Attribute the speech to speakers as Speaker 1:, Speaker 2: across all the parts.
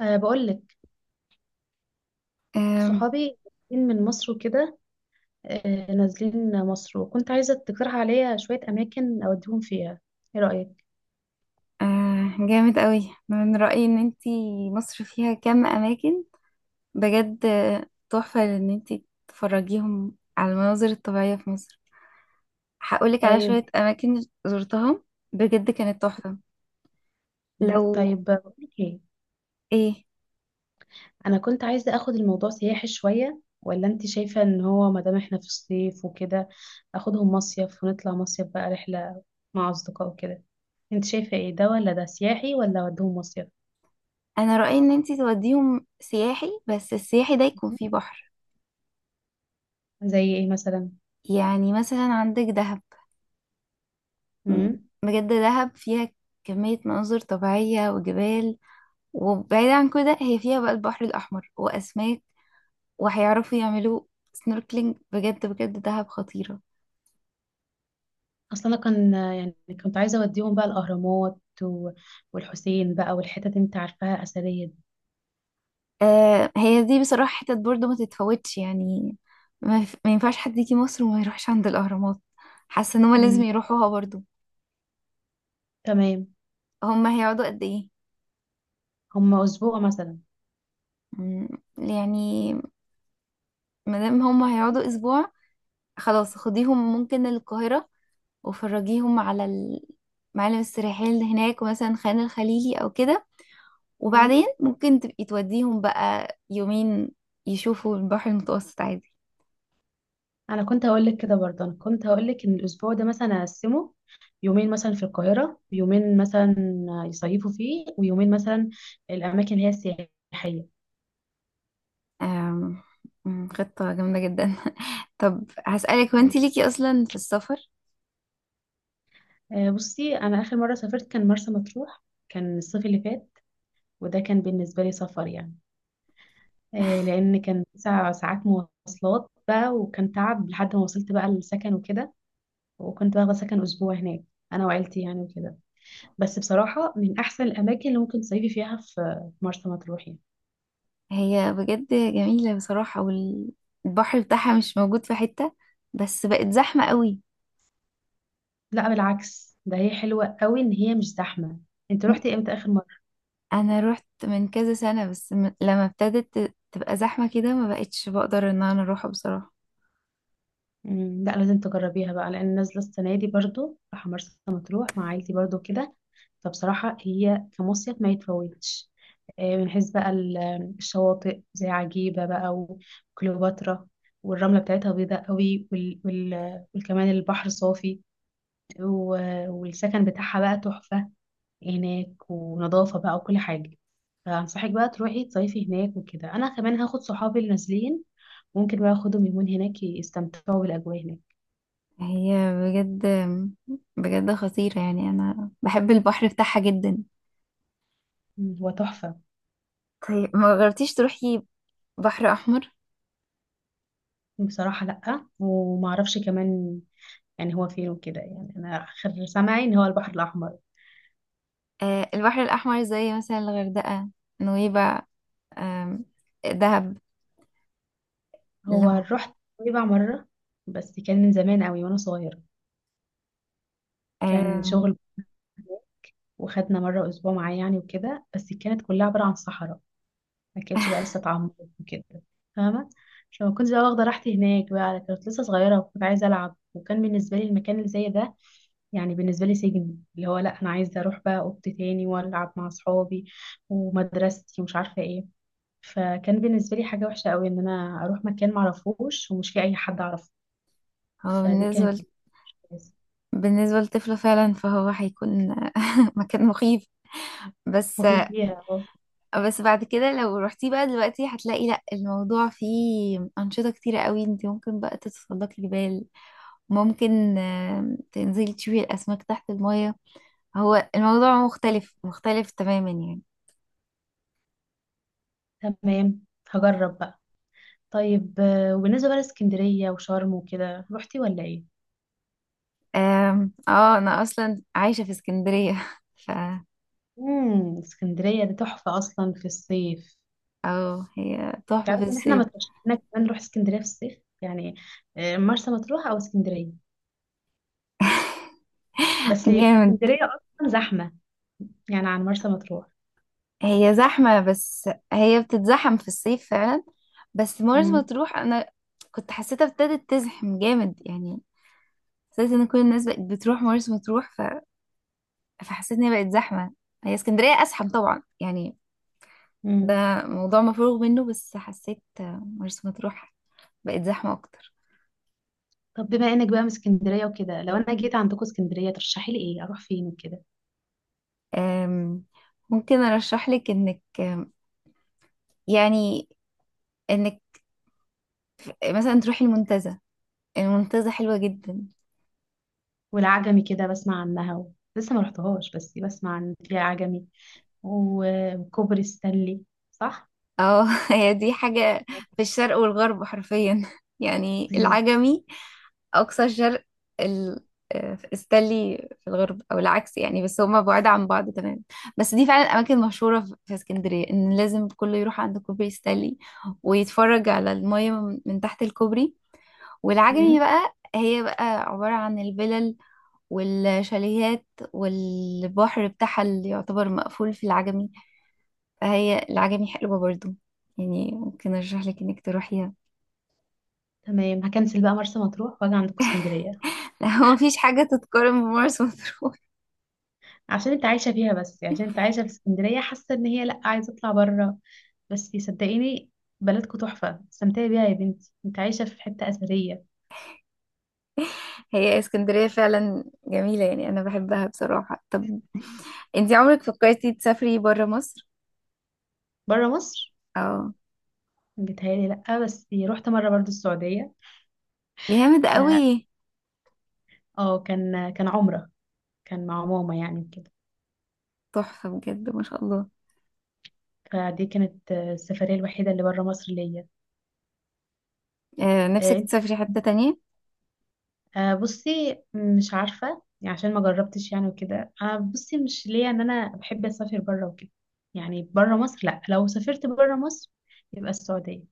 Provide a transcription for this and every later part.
Speaker 1: بقول لك
Speaker 2: آم،
Speaker 1: صحابي جايين من مصر وكده، نازلين مصر، وكنت عايزة تقترح عليا شوية أماكن أوديهم فيها. إيه رأيك؟
Speaker 2: آه، جامد قوي، من رأيي ان انتي مصر فيها كم اماكن بجد، تحفة. ان انتي تفرجيهم على المناظر الطبيعية في مصر، هقولك على
Speaker 1: طيب.
Speaker 2: شوية اماكن زرتها بجد كانت تحفة. لو
Speaker 1: طيب، بقول لك إيه.
Speaker 2: ايه
Speaker 1: أنا كنت عايزة أخد الموضوع سياحي شوية، ولا أنت شايفة إن هو مادام إحنا في الصيف وكده أخدهم مصيف ونطلع مصيف بقى رحلة مع أصدقاء وكده؟ أنت شايفة إيه، ده ولا ده سياحي ولا أوديهم مصيف؟
Speaker 2: انا رأيي ان انتي توديهم سياحي، بس السياحي ده يكون
Speaker 1: م-
Speaker 2: فيه بحر.
Speaker 1: زي إيه مثلا؟
Speaker 2: يعني مثلا عندك دهب. م- بجد دهب فيها كمية مناظر طبيعية وجبال، وبعيد عن كده هي فيها بقى البحر الأحمر وأسماك، وهيعرفوا يعملوا سنوركلينج. بجد بجد دهب خطيرة.
Speaker 1: اصل انا كان يعني كنت عايزه اوديهم بقى الاهرامات و... والحسين بقى، والحتت اللي انت عارفاها اثريه دي.
Speaker 2: آه، هي دي بصراحة حتت برضو ما تتفوتش يعني. ما ينفعش حد يجي مصر وما يروحش عند الأهرامات، حاسة ان هما لازم
Speaker 1: مم.
Speaker 2: يروحوها برضو.
Speaker 1: تمام.
Speaker 2: هما هيقعدوا قد ايه؟
Speaker 1: هما اسبوع مثلا.
Speaker 2: مم، يعني مادام هما هيقعدوا اسبوع، خلاص خديهم ممكن القاهرة وفرجيهم على المعالم السياحية اللي هناك، ومثلا خان الخليلي او كده.
Speaker 1: مم.
Speaker 2: وبعدين ممكن تبقي توديهم بقى يومين يشوفوا البحر المتوسط عادي.
Speaker 1: انا كنت هقول لك كده برضه، انا كنت هقول لك ان الاسبوع ده مثلا اقسمه، يومين مثلا في القاهره، ويومين مثلا يصيفوا فيه، ويومين مثلا الاماكن اللي هي السياحيه.
Speaker 2: آم، أمم، خطة جامدة جدا. طب هسألك، هو انت ليكي أصلا في السفر؟
Speaker 1: بصي، انا اخر مره سافرت كان مرسى مطروح. كان الصيف اللي فات، وده كان بالنسبه لي سفر يعني. لان كان 9 ساعات مواصلات بقى، وكان تعب لحد ما وصلت بقى للسكن وكده. وكنت واخده سكن اسبوع هناك، انا وعيلتي يعني وكده. بس بصراحه من احسن الاماكن اللي ممكن تصيفي فيها في مرسى مطروح يعني.
Speaker 2: هي بجد جميلة بصراحة، والبحر بتاعها مش موجود في حتة، بس بقت زحمة قوي.
Speaker 1: لا بالعكس، ده هي حلوه قوي ان هي مش زحمه. انت روحتي امتى اخر مره؟
Speaker 2: أنا روحت من كذا سنة، بس لما ابتدت تبقى زحمة كده ما بقتش بقدر إن أنا أروحها بصراحة.
Speaker 1: مم. لا لازم تجربيها بقى، لان نازله السنه دي برضو راح مرسى مطروح مع عيلتي برضو كده. فبصراحه هي كمصيف ما يتفوتش. من حيث بقى الشواطئ زي عجيبه بقى، وكليوباترا، والرمله بتاعتها بيضاء قوي، وكمان البحر صافي، والسكن بتاعها بقى تحفه هناك، ونظافه بقى وكل حاجه. فانصحك بقى تروحي تصيفي هناك، وكده انا كمان هاخد صحابي اللي نازلين، ممكن بقى اخدهم يومين هناك يستمتعوا بالاجواء هناك.
Speaker 2: هي بجد بجد خطيرة يعني، أنا بحب البحر بتاعها جدا.
Speaker 1: مم. هو تحفة.
Speaker 2: طيب ما جربتيش تروحي بحر أحمر؟
Speaker 1: بصراحة لأ، ومعرفش كمان يعني هو فين وكده. يعني أنا آخر سمعي إن هو البحر الأحمر.
Speaker 2: آه، البحر الأحمر زي مثلا الغردقة، نويبع، آم، دهب. اللي
Speaker 1: هو
Speaker 2: هو
Speaker 1: رحت نويبع مرة، بس كان من زمان قوي وأنا صغيرة. كان
Speaker 2: آم،
Speaker 1: شغل، وخدنا مرة أسبوع معاه يعني وكده. بس كانت كلها عبارة عن صحراء، ما كانتش بقى لسه اتعمرت وكده، فاهمة؟ فما كنتش بقى واخدة راحتي هناك بقى، كنت لسه صغيرة وكنت عايزة ألعب، وكان بالنسبة لي المكان اللي زي ده يعني بالنسبة لي سجن. اللي هو لا، أنا عايزة أروح بقى أوضتي تاني وألعب مع أصحابي ومدرستي ومش عارفة إيه. فكان بالنسبة لي حاجة وحشة قوي إن أنا أروح مكان معرفوش ومش فيه أي حد أعرفه.
Speaker 2: هو
Speaker 1: فدي كانت مش كويسة.
Speaker 2: بالنسبة لطفله فعلا، فهو هيكون مكان مخيف. بس
Speaker 1: مخيف ليها، اه.
Speaker 2: بس بعد كده لو رحتي بقى دلوقتي هتلاقي لا، الموضوع فيه أنشطة كتيرة قوي. انت ممكن بقى تتسلقي جبال، ممكن تنزلي تشوفي الأسماك تحت المية. هو الموضوع مختلف تماما يعني.
Speaker 1: تمام، هجرب بقى. طيب، وبالنسبة بقى لاسكندرية وشرم وكده، روحتي ولا إيه؟
Speaker 2: اه انا اصلا عايشة في اسكندرية ف
Speaker 1: امم، اسكندرية دي تحفة أصلا في الصيف.
Speaker 2: اه هي تحفة في
Speaker 1: تعرف إن إحنا
Speaker 2: الصيف.
Speaker 1: ما ترشحنا كمان نروح اسكندرية في الصيف يعني. مرسى مطروح أو اسكندرية، بس
Speaker 2: جامد.
Speaker 1: اسكندرية أصلا زحمة يعني عن مرسى مطروح.
Speaker 2: هي زحمة، بس هي بتتزحم في الصيف فعلا. بس مرسى
Speaker 1: مم.
Speaker 2: مطروح أنا كنت حسيتها ابتدت تزحم جامد يعني، حسيت إن كل الناس بقت بتروح مرسى مطروح ف... فحسيت إن هي بقت زحمة. هي اسكندرية أزحم طبعا يعني،
Speaker 1: مم.
Speaker 2: ده موضوع مفروغ منه، بس حسيت مرسى مطروح بقت زحمة أكتر.
Speaker 1: طب بما إنك بقى من اسكندرية وكده، لو أنا جيت عندكم اسكندرية ترشحي لي إيه؟ أروح فين وكده؟
Speaker 2: أم، ممكن أرشح لك إنك، أم، يعني إنك مثلا تروحي المنتزه. المنتزه حلوة جدا.
Speaker 1: والعجمي كده بسمع عنها لسه ما رحتهاش، بس بسمع عن فيها عجمي، وكوبري ستانلي، صح؟
Speaker 2: اه هي دي حاجة في الشرق والغرب حرفيا. يعني
Speaker 1: مم.
Speaker 2: العجمي أقصى الشرق ال... آه، استانلي في الغرب، أو العكس يعني، بس هما بعاد عن بعض تمام. بس دي فعلا أماكن مشهورة في اسكندرية، إن لازم كله يروح عند كوبري ستانلي ويتفرج على المية من تحت الكوبري. والعجمي
Speaker 1: مم.
Speaker 2: بقى هي بقى عبارة عن الفلل والشاليهات، والبحر بتاعها اللي يعتبر مقفول في العجمي. فهي العجمي حلوة برضو، يعني ممكن ارشح لك انك تروحيها.
Speaker 1: تمام هكنسل بقى مرسى مطروح واجي عندكم اسكندرية.
Speaker 2: لا، هو مفيش حاجة تتقارن بمرسى مطروح.
Speaker 1: عشان انت عايشة فيها، بس عشان انت عايشة في اسكندرية حاسة ان هي لأ، عايزة اطلع بره. بس صدقيني، بلدكم تحفة، استمتعي بيها يا بنتي، انت عايشة في حتة أثرية.
Speaker 2: هي اسكندرية فعلا جميلة يعني، انا بحبها بصراحة. طب انتي عمرك فكرتي تسافري برا مصر؟
Speaker 1: بره مصر؟
Speaker 2: اه
Speaker 1: بيتهيألي لأ، بس رحت مرة برضو السعودية.
Speaker 2: جامد
Speaker 1: ف
Speaker 2: قوي،
Speaker 1: اه كان عمرة، كان مع ماما يعني وكده.
Speaker 2: تحفة بجد ما شاء الله.
Speaker 1: فدي كانت السفرية الوحيدة اللي بره مصر ليا.
Speaker 2: آه
Speaker 1: آه،
Speaker 2: نفسك
Speaker 1: انت
Speaker 2: تسافري حتة تانية؟
Speaker 1: آه، بصي مش عارفة، يعني عشان ما جربتش يعني وكده. بصي مش ليا ان انا بحب اسافر بره وكده يعني. بره مصر لا، لو سافرت بره مصر يبقى السعودية.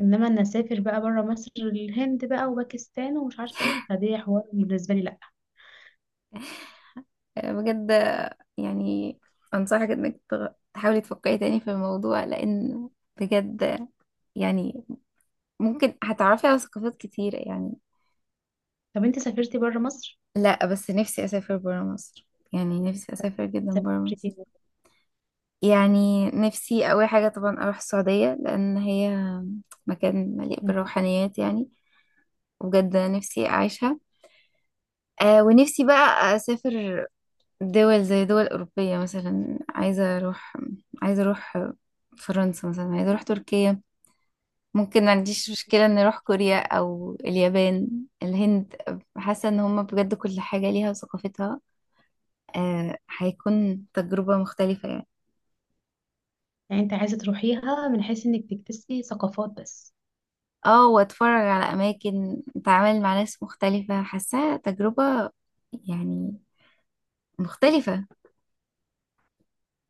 Speaker 1: انما ان اسافر بقى بره مصر الهند بقى وباكستان ومش عارفة ايه، فدي حوار بالنسبة لي لا.
Speaker 2: آه بجد آه، يعني انصحك انك تحاولي تفكري تاني في الموضوع، لان بجد، يعني ممكن هتعرفي على ثقافات كتيرة يعني.
Speaker 1: طب انت سافرتي بره مصر؟
Speaker 2: لا، بس نفسي اسافر برا مصر، يعني نفسي اسافر جدا برا
Speaker 1: سافرتي.
Speaker 2: مصر. يعني نفسي اول حاجه طبعا اروح السعوديه، لان هي مكان مليء
Speaker 1: مم.
Speaker 2: بالروحانيات يعني، بجد نفسي اعيشها. آه ونفسي بقى اسافر دول زي دول اوروبيه. مثلا عايزه اروح، عايزه اروح فرنسا، مثلا عايزه اروح تركيا. ممكن ما عنديش مشكله ان اروح كوريا او اليابان، الهند. حاسه ان هم بجد كل حاجه ليها وثقافتها، آه هيكون تجربة مختلفة يعني.
Speaker 1: يعني انت عايزة تروحيها من حيث انك تكتسي ثقافات بس؟
Speaker 2: اه، واتفرج على اماكن، اتعامل مع ناس مختلفة، حاساها تجربة يعني مختلفة.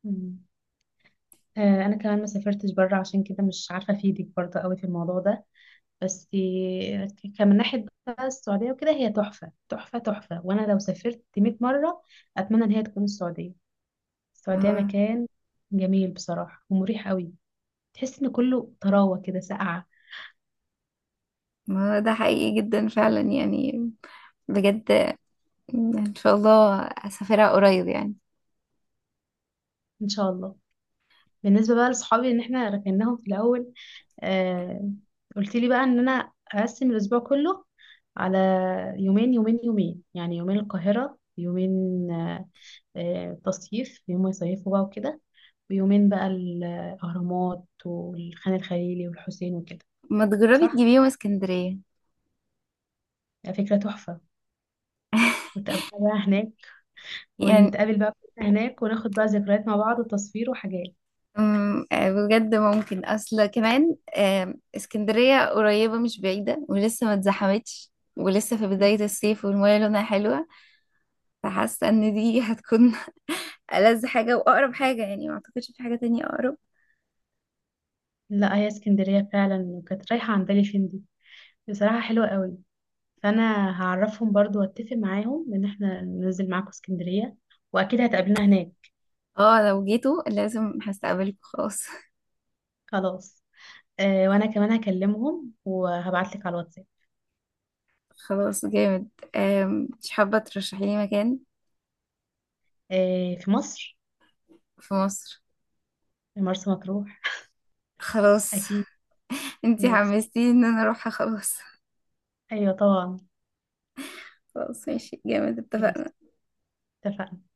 Speaker 1: مم. انا كمان ما سافرتش بره، عشان كده مش عارفة افيدك برضه قوي في الموضوع ده. بس كمن ناحية بقى، السعودية وكده هي تحفة تحفة تحفة، وانا لو سافرت 100 مرة اتمنى ان هي تكون السعودية.
Speaker 2: ما
Speaker 1: السعودية
Speaker 2: هو
Speaker 1: مكان جميل بصراحة ومريح قوي، تحس ان كله طراوة كده ساقعة.
Speaker 2: ما هو ده حقيقي جدا فعلا يعني، بجد يعني. ان شاء الله اسافرها قريب يعني.
Speaker 1: ان شاء الله. بالنسبة بقى لصحابي، ان احنا ركناهم في الاول. آه، قلت لي بقى ان انا اقسم الاسبوع كله على يومين يومين يومين، يعني يومين القاهرة، يومين آه يوم يصيفوا بقى وكده، ويومين بقى الاهرامات والخان الخليلي والحسين وكده.
Speaker 2: ما تجربي
Speaker 1: صح،
Speaker 2: تجيبيهم اسكندرية؟
Speaker 1: فكرة تحفة. ونتقابل بقى هناك،
Speaker 2: يعني
Speaker 1: ونتقابل بقى كلنا هناك وناخد بقى ذكريات مع بعض وتصوير وحاجات.
Speaker 2: أم، آه، بجد ممكن، اصل كمان اسكندرية قريبة مش بعيدة، ولسه ما اتزحمتش، ولسه في بداية الصيف، والمية لونها حلوة. فحاسة ان دي هتكون ألذ حاجة وأقرب حاجة يعني، ما اعتقدش في حاجة تانية أقرب.
Speaker 1: لا هي اسكندرية فعلا، وكانت رايحة عن بالي فين دي، بصراحة حلوة قوي. فانا هعرفهم برضو واتفق معاهم ان احنا ننزل معاكم اسكندرية، واكيد هتقابلنا هناك.
Speaker 2: اه لو جيتوا لازم هستقبلكوا، خلاص.
Speaker 1: خلاص. وانا كمان هكلمهم وهبعت لك على الواتساب.
Speaker 2: خلاص جامد. مش حابة ترشحي لي مكان
Speaker 1: آه، في مصر؟
Speaker 2: في مصر؟
Speaker 1: في مرسى مطروح.
Speaker 2: خلاص.
Speaker 1: اكيد.
Speaker 2: انتي
Speaker 1: ماشي،
Speaker 2: حمستيني ان انا اروحها، خلاص.
Speaker 1: ايوه طبعا.
Speaker 2: خلاص ماشي جامد،
Speaker 1: ماشي،
Speaker 2: اتفقنا.
Speaker 1: اتفقنا.